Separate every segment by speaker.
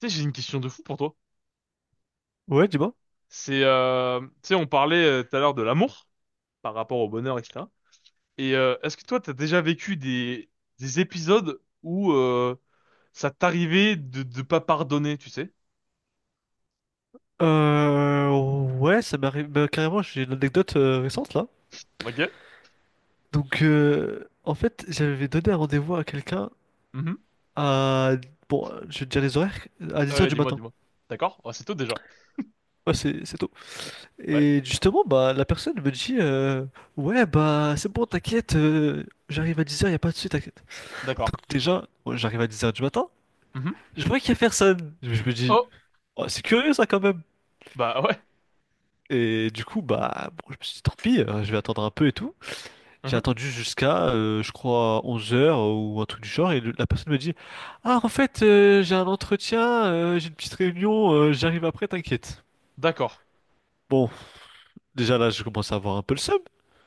Speaker 1: Tu sais, j'ai une question de fou pour toi.
Speaker 2: ouais, dis-moi.
Speaker 1: C'est, tu sais, on parlait tout à l'heure de l'amour par rapport au bonheur, etc. Et est-ce que toi, t'as déjà vécu des épisodes où ça t'arrivait de pas pardonner, tu sais?
Speaker 2: Euh, ouais, ça m'arrive. Bah, carrément, j'ai une anecdote récente là.
Speaker 1: Ok.
Speaker 2: Donc, en fait, j'avais donné un rendez-vous à quelqu'un
Speaker 1: Mhm.
Speaker 2: à. Bon, je vais te dire les horaires, à 10 heures
Speaker 1: Ouais,
Speaker 2: du
Speaker 1: dis-moi,
Speaker 2: matin.
Speaker 1: dis-moi. D'accord. Oh, c'est tout déjà.
Speaker 2: Ouais, c'est tôt.
Speaker 1: Ouais.
Speaker 2: Et justement, bah, la personne me dit, ouais, bah, c'est bon, t'inquiète, j'arrive à 10 heures y a pas de souci, t'inquiète.
Speaker 1: D'accord.
Speaker 2: Donc, déjà, moi, j'arrive à 10 heures du matin,
Speaker 1: Mhm.
Speaker 2: je vois qu'il y a personne. Je me dis,
Speaker 1: Oh,
Speaker 2: Oh, c'est curieux ça quand même.
Speaker 1: bah ouais.
Speaker 2: Et du coup, bah, bon, je me suis dit, Tant pis, je vais attendre un peu et tout. J'ai
Speaker 1: Mhm.
Speaker 2: attendu jusqu'à, je crois, 11 heures ou un truc du genre, et la personne me dit, Ah, en fait, j'ai un entretien, j'ai une petite réunion, j'arrive après, t'inquiète.
Speaker 1: D'accord.
Speaker 2: Bon, déjà là, je commence à avoir un peu le seum.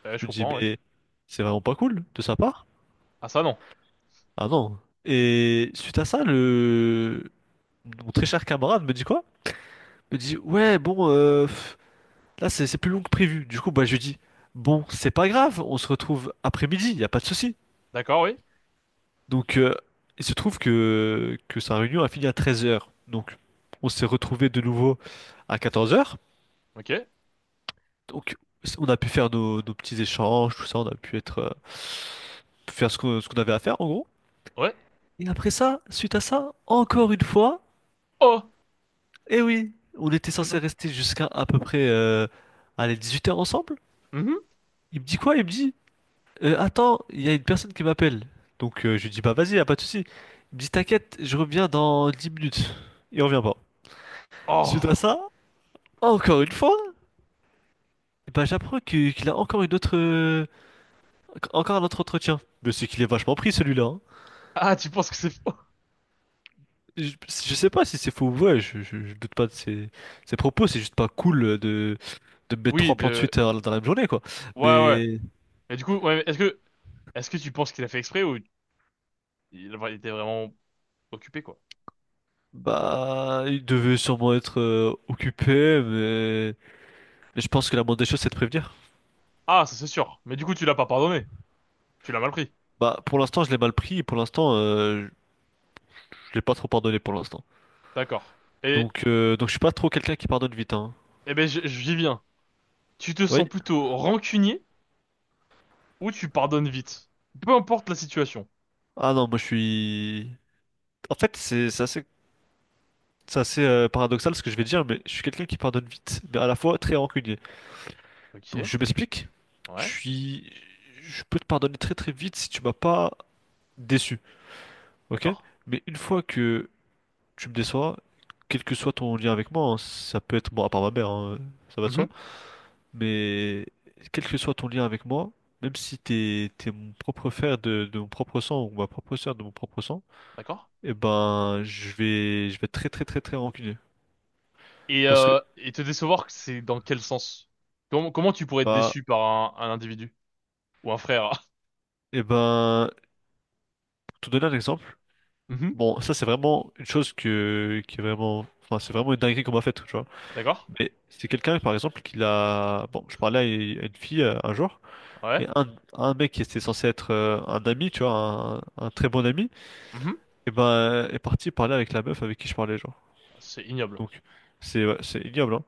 Speaker 2: Je
Speaker 1: Je
Speaker 2: me dis,
Speaker 1: comprends, ouais.
Speaker 2: mais c'est vraiment pas cool de sa part.
Speaker 1: Ah ça non.
Speaker 2: Ah non. Et suite à ça, mon très cher camarade me dit quoi? Me dit, ouais, bon, là, c'est plus long que prévu. Du coup, bah, je lui dis, bon, c'est pas grave, on se retrouve après-midi, y a pas de souci.
Speaker 1: D'accord, oui.
Speaker 2: Donc, il se trouve que sa réunion a fini à 13 heures. Donc, on s'est retrouvés de nouveau à 14 heures.
Speaker 1: Ok.
Speaker 2: Donc, on a pu faire nos petits échanges, tout ça. On a pu faire ce qu'on avait à faire, en gros.
Speaker 1: Ouais.
Speaker 2: Et après ça, suite à ça, encore une fois,
Speaker 1: Oh.
Speaker 2: eh oui, on était censé
Speaker 1: Mhm.
Speaker 2: rester jusqu'à à peu près allez, 8 heures ensemble.
Speaker 1: Mhm.
Speaker 2: Il me dit quoi? Il me dit, attends, il y a une personne qui m'appelle. Donc, je lui dis, bah vas-y, y a pas de souci. Il me dit, t'inquiète, je reviens dans 10 minutes. Il revient pas. Suite à
Speaker 1: Oh.
Speaker 2: ça, encore une fois, bah, j'apprends qu'il a encore un autre entretien. Mais c'est qu'il est vachement pris celui-là, hein.
Speaker 1: Ah, tu penses que c'est faux?
Speaker 2: Je sais pas si c'est faux ou vrai, je doute pas de ses propos, c'est juste pas cool de mettre
Speaker 1: Oui,
Speaker 2: trois plans de
Speaker 1: de.
Speaker 2: suite dans la même journée, quoi.
Speaker 1: Ouais, ouais.
Speaker 2: Mais,
Speaker 1: Mais du coup, mais est-ce que tu penses qu'il a fait exprès ou il était vraiment occupé, quoi?
Speaker 2: bah, il devait sûrement être occupé, mais je pense que la moindre des choses, c'est de prévenir.
Speaker 1: Ah, ça c'est sûr. Mais du coup, tu l'as pas pardonné. Tu l'as mal pris.
Speaker 2: Bah, pour l'instant, je l'ai mal pris, et pour l'instant, je l'ai pas trop pardonné pour l'instant.
Speaker 1: D'accord. Et,
Speaker 2: Donc je suis pas trop quelqu'un qui pardonne vite, hein.
Speaker 1: eh ben, j- j'y viens. Tu te sens
Speaker 2: Oui.
Speaker 1: plutôt rancunier ou tu pardonnes vite? Peu importe la situation.
Speaker 2: Ah non, moi je suis... En fait, c'est assez paradoxal ce que je vais dire, mais je suis quelqu'un qui pardonne vite, mais à la fois très rancunier. Donc
Speaker 1: Ok.
Speaker 2: je m'explique, je
Speaker 1: Ouais.
Speaker 2: suis... Je peux te pardonner très très vite si tu m'as pas déçu, ok?
Speaker 1: D'accord.
Speaker 2: Mais une fois que tu me déçois, quel que soit ton lien avec moi, hein, ça peut être... Bon, à part ma mère, hein, ça va de soi,
Speaker 1: Mhm.
Speaker 2: mais quel que soit ton lien avec moi, même si t'es mon propre frère de mon propre sang ou ma propre sœur de mon propre sang.
Speaker 1: D'accord.
Speaker 2: Eh ben, je vais être très très très très rancunier. Parce que,
Speaker 1: Et te décevoir, c'est dans quel sens? Comment, comment tu pourrais être
Speaker 2: bah,
Speaker 1: déçu par un individu? Ou un frère?
Speaker 2: eh ben, pour te donner un exemple,
Speaker 1: Mhm.
Speaker 2: bon, ça c'est vraiment une chose qui est vraiment, enfin, c'est vraiment une dinguerie qu'on m'a faite, tu vois.
Speaker 1: D'accord.
Speaker 2: Mais c'est quelqu'un, par exemple, qui l'a, bon, je parlais à une fille un jour,
Speaker 1: Ouais.
Speaker 2: et un mec qui était censé être un ami, tu vois, un très bon ami,
Speaker 1: Mhm.
Speaker 2: eh ben, est parti parler avec la meuf avec qui je parlais, genre.
Speaker 1: C'est ignoble.
Speaker 2: Donc, c'est, ouais, c'est ignoble, hein.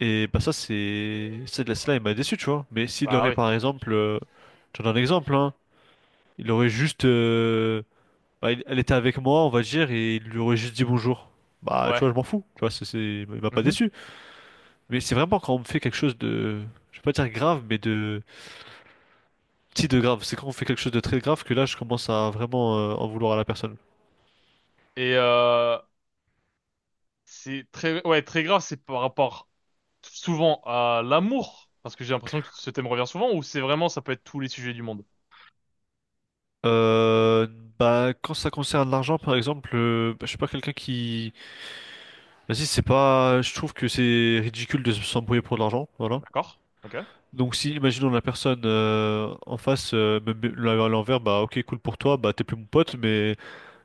Speaker 2: Et bah ça c'est cette
Speaker 1: Bah,
Speaker 2: là il m'a déçu tu vois. Mais s'il
Speaker 1: bah
Speaker 2: aurait
Speaker 1: oui.
Speaker 2: par exemple je te donne un exemple hein, il aurait juste bah, elle était avec moi on va dire et il lui aurait juste dit bonjour. Bah tu
Speaker 1: Ouais.
Speaker 2: vois je m'en fous, tu vois il m'a pas
Speaker 1: Mhm.
Speaker 2: déçu. Mais c'est vraiment quand on me fait quelque chose de je vais pas dire grave mais de petit de grave, c'est quand on fait quelque chose de très grave que là je commence à vraiment en vouloir à la personne.
Speaker 1: Et c'est très, ouais, très grave, c'est par rapport souvent à l'amour, parce que j'ai l'impression que ce thème revient souvent, ou c'est vraiment, ça peut être tous les sujets du monde.
Speaker 2: Euh, bah quand ça concerne l'argent par exemple, bah, je suis pas quelqu'un qui Vas-y, c'est pas. Je trouve que c'est ridicule de s'embrouiller pour de l'argent, voilà.
Speaker 1: D'accord? Ok.
Speaker 2: Donc si, imaginons la personne en face me met à l'envers, bah ok, cool pour toi, bah t'es plus mon pote, mais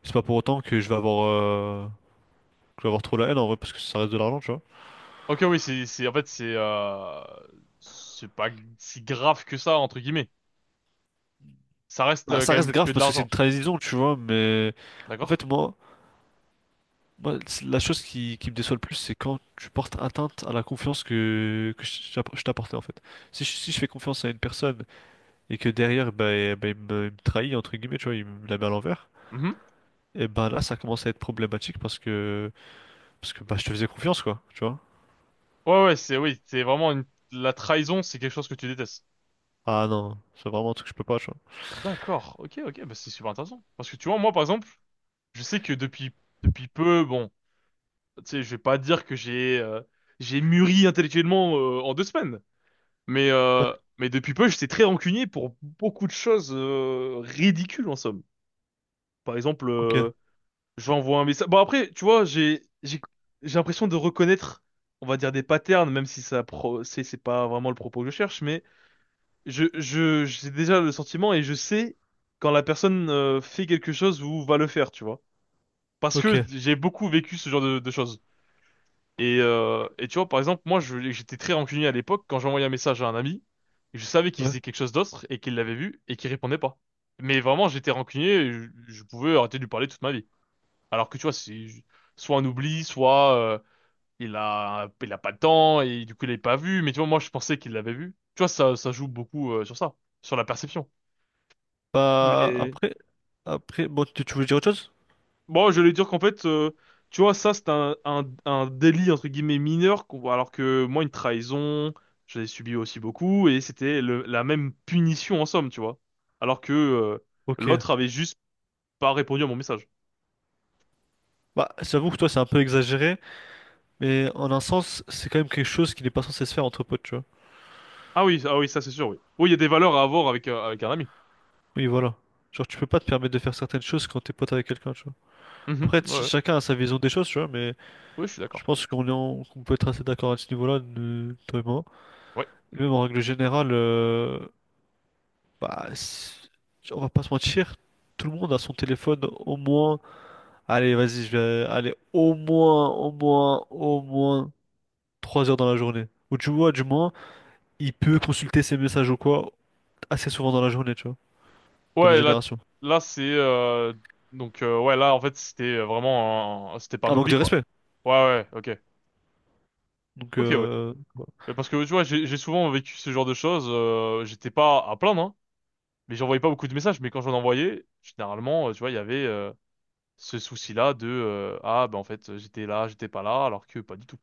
Speaker 2: c'est pas pour autant que je vais avoir, trop la haine en vrai, parce que ça reste de l'argent, tu vois.
Speaker 1: Ok, oui, en fait, c'est pas si grave que ça, entre guillemets. Ça reste
Speaker 2: Bah, ça
Speaker 1: quand
Speaker 2: reste
Speaker 1: même que
Speaker 2: grave
Speaker 1: de
Speaker 2: parce que c'est
Speaker 1: l'argent.
Speaker 2: une trahison, tu vois, mais en
Speaker 1: D'accord?
Speaker 2: fait, moi, c'est la chose qui me déçoit le plus, c'est quand tu portes atteinte à la confiance que je t'apportais en fait. Si je fais confiance à une personne et que derrière, bah, eh ben, il me trahit, entre guillemets, tu vois, il me la met à l'envers,
Speaker 1: Mhm.
Speaker 2: et bah là, ça commence à être problématique parce que bah, je te faisais confiance, quoi, tu vois.
Speaker 1: Ouais, ouais, oui, c'est vraiment la trahison, c'est quelque chose que tu détestes.
Speaker 2: Ah non, c'est vraiment un truc que je peux pas, tu vois.
Speaker 1: D'accord. Ok, ok, bah c'est super intéressant. Parce que tu vois, moi, par exemple, je sais que depuis peu, bon. Tu sais, je vais pas dire que j'ai mûri intellectuellement en deux semaines, mais
Speaker 2: Ouais,
Speaker 1: euh, mais depuis peu, j'étais très rancunier pour beaucoup de choses ridicules en somme. Par exemple,
Speaker 2: ok,
Speaker 1: j'envoie un message. Bon après, tu vois, j'ai l'impression de reconnaître, on va dire des patterns, même si ça pro c'est pas vraiment le propos que je cherche, mais je j'ai déjà le sentiment et je sais quand la personne fait quelque chose ou va le faire, tu vois. Parce
Speaker 2: ok,
Speaker 1: que j'ai beaucoup vécu ce genre de choses. Et tu vois, par exemple, j'étais très rancunier à l'époque quand j'envoyais un message à un ami. Je savais qu'il
Speaker 2: ouais.
Speaker 1: faisait quelque chose d'autre et qu'il l'avait vu et qu'il répondait pas. Mais vraiment, j'étais rancunier et je pouvais arrêter de lui parler toute ma vie. Alors que tu vois, c'est soit un oubli, soit il a pas le temps et du coup, il l'avait pas vu. Mais tu vois, moi, je pensais qu'il l'avait vu. Tu vois, ça joue beaucoup sur ça, sur la perception.
Speaker 2: Bah,
Speaker 1: Mais
Speaker 2: après, bon, tu voulais dire autre chose?
Speaker 1: bon, je voulais dire qu'en fait, tu vois, ça, c'est un délit, entre guillemets, mineur, qu'on- alors que moi, une trahison, je l'ai subi aussi beaucoup, et c'était le- la même punition en somme, tu vois. Alors que
Speaker 2: Ok.
Speaker 1: l'autre avait juste pas répondu à mon message.
Speaker 2: Bah, j'avoue que toi, c'est un peu exagéré, mais en un sens, c'est quand même quelque chose qui n'est pas censé se faire entre potes, tu vois.
Speaker 1: Ah oui, ah oui, ça c'est sûr, oui. Oui, il y a des valeurs à avoir avec, avec un ami.
Speaker 2: Oui, voilà. Genre, tu peux pas te permettre de faire certaines choses quand t'es pote avec quelqu'un, tu vois.
Speaker 1: Mhm,
Speaker 2: Après,
Speaker 1: ouais, ouais, ouais,
Speaker 2: chacun a sa vision des choses, tu vois, mais
Speaker 1: oui, je suis
Speaker 2: je
Speaker 1: d'accord.
Speaker 2: pense qu'on est qu'on peut être assez d'accord à ce niveau-là, toi et moi.
Speaker 1: Ouais,
Speaker 2: Et même en règle générale, bah, on va pas se mentir, tout le monde a son téléphone au moins. Allez, vas-y, je vais aller au moins 3 heures dans la journée. Ou tu vois, du moins, il peut consulter ses messages ou quoi assez souvent dans la journée, tu vois, dans notre
Speaker 1: ouais, là, t-
Speaker 2: génération.
Speaker 1: là c'est... ouais, là, en fait, c'était vraiment... un- C'était pas un
Speaker 2: Un manque
Speaker 1: oubli,
Speaker 2: de
Speaker 1: quoi.
Speaker 2: respect.
Speaker 1: Ouais, ouais, ok.
Speaker 2: Donc,
Speaker 1: Ok, ouais.
Speaker 2: voilà.
Speaker 1: Mais parce que tu vois, j'ai souvent vécu ce genre de choses. J'étais pas à plaindre, hein, mais j'envoyais pas beaucoup de messages. Mais quand j'en envoyais, généralement, tu vois, il y avait ce souci-là de ah bah en fait j'étais là, j'étais pas là, alors que pas du tout.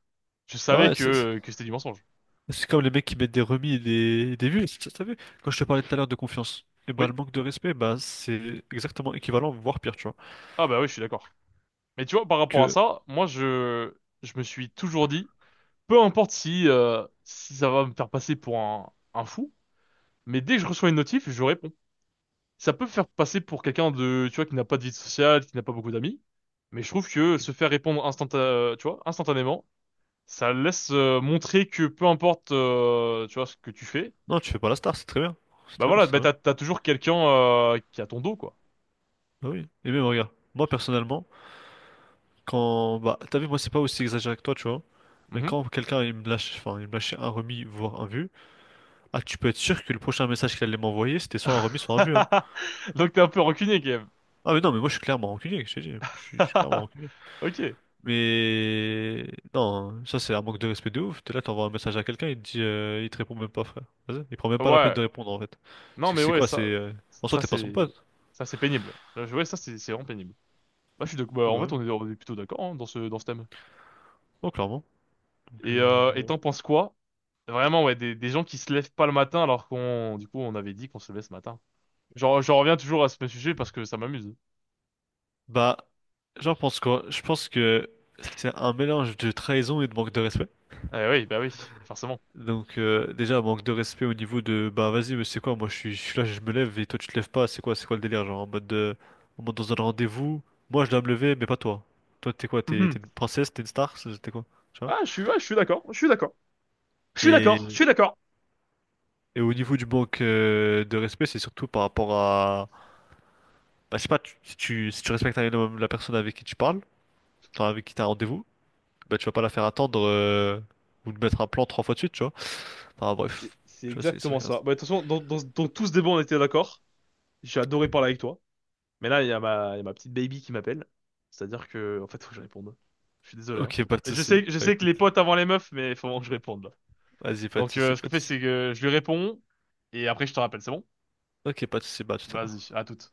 Speaker 1: Je
Speaker 2: Ah
Speaker 1: savais
Speaker 2: ouais, c'est
Speaker 1: que c'était du mensonge.
Speaker 2: C'est comme les mecs qui mettent des remis et des vues. T'as vu? Quand je te parlais tout à l'heure de confiance, et bah, le
Speaker 1: Oui.
Speaker 2: manque de respect, bah, c'est exactement équivalent, voire pire, tu vois.
Speaker 1: Ah bah oui, je suis d'accord. Mais tu vois, par rapport à
Speaker 2: Que
Speaker 1: ça, moi je me suis toujours dit, peu importe si si ça va me faire passer pour un fou, mais dès que je reçois une notif, je réponds. Ça peut faire passer pour quelqu'un de, tu vois, qui n'a pas de vie sociale, qui n'a pas beaucoup d'amis. Mais je trouve que se faire répondre tu vois, instantanément, ça laisse montrer que peu importe, tu vois, ce que tu fais,
Speaker 2: non, tu fais pas la star, c'est très bien. C'est
Speaker 1: bah
Speaker 2: très bien,
Speaker 1: voilà,
Speaker 2: c'est très
Speaker 1: bah
Speaker 2: bien.
Speaker 1: t'as toujours quelqu'un qui a ton dos, quoi.
Speaker 2: Bah oui. Et même, regarde, moi personnellement, quand. Bah, t'as vu, moi, c'est pas aussi exagéré que toi, tu vois. Mais
Speaker 1: Mhm.
Speaker 2: quand quelqu'un il me lâche, enfin, il me lâchait un remis, voire un vu, ah, tu peux être sûr que le prochain message qu'il allait m'envoyer, c'était soit un remis, soit un vu, hein.
Speaker 1: Donc t'es un peu rancunier quand même.
Speaker 2: Ah, mais non, mais moi, je suis clairement rancunier, je t'ai dit. Je suis clairement rancunier.
Speaker 1: Ok.
Speaker 2: Mais non, hein. Ça c'est un manque de respect de ouf. T'es là, t'envoies un message à quelqu'un, il te répond même pas, frère. Vas-y, il prend même pas la peine
Speaker 1: Ouais.
Speaker 2: de répondre en fait.
Speaker 1: Non
Speaker 2: C'est
Speaker 1: mais
Speaker 2: c'est
Speaker 1: ouais,
Speaker 2: quoi, c'est
Speaker 1: ça,
Speaker 2: en soi
Speaker 1: ça
Speaker 2: t'es pas son
Speaker 1: c'est,
Speaker 2: pote.
Speaker 1: ça c'est pénible. Ouais, ça c'est vraiment pénible. Bah, je suis d'accord. Bah,
Speaker 2: Ah bah,
Speaker 1: en
Speaker 2: ouais.
Speaker 1: fait, on est plutôt d'accord hein, dans ce thème.
Speaker 2: Non, clairement. Donc,
Speaker 1: Et
Speaker 2: voilà.
Speaker 1: t'en penses quoi? Vraiment, ouais, des gens qui se lèvent pas le matin alors qu'on, du coup, on avait dit qu'on se levait ce matin. Genre, je reviens toujours à ce sujet parce que ça m'amuse.
Speaker 2: Bah, j'en pense quoi? Je pense que c'est un mélange de trahison et de manque de respect.
Speaker 1: Eh oui, bah oui, forcément.
Speaker 2: Donc déjà manque de respect au niveau de bah vas-y mais c'est quoi moi je suis là je me lève et toi tu te lèves pas c'est quoi le délire genre en mode en mode dans un rendez-vous moi je dois me lever mais pas toi toi t'es quoi t'es
Speaker 1: Mhm.
Speaker 2: t'es une princesse t'es une star t'es quoi tu vois
Speaker 1: Ah, je suis, ouais, je suis d'accord, je suis d'accord. Je suis
Speaker 2: et,
Speaker 1: d'accord, je suis d'accord.
Speaker 2: et au niveau du manque de respect c'est surtout par rapport à bah je sais pas si tu respectes un minimum la personne avec qui tu parles enfin avec qui t'as un rendez-vous bah tu vas pas la faire attendre ou lui mettre un plan trois fois de suite tu vois enfin
Speaker 1: C'est
Speaker 2: bref
Speaker 1: c'est
Speaker 2: tu vois
Speaker 1: exactement ça. Bah, de toute façon, dans tout ce débat, on était d'accord. J'ai adoré parler avec toi. Mais là, il y a il y a ma petite baby qui m'appelle. C'est-à-dire que, en fait, faut que je réponde. Je suis désolé, hein.
Speaker 2: Ok pas de soucis.
Speaker 1: Je
Speaker 2: Bah,
Speaker 1: sais que
Speaker 2: écoute,
Speaker 1: les potes avant les meufs, mais il faut vraiment que je réponde, là.
Speaker 2: vas-y, pas de
Speaker 1: Donc,
Speaker 2: soucis,
Speaker 1: ce
Speaker 2: pas
Speaker 1: qu'on
Speaker 2: de
Speaker 1: fait,
Speaker 2: soucis.
Speaker 1: c'est que je lui réponds et après, je te rappelle, c'est bon?
Speaker 2: Ok, pas de soucis, bah à tout à l'heure.
Speaker 1: Vas-y, à toute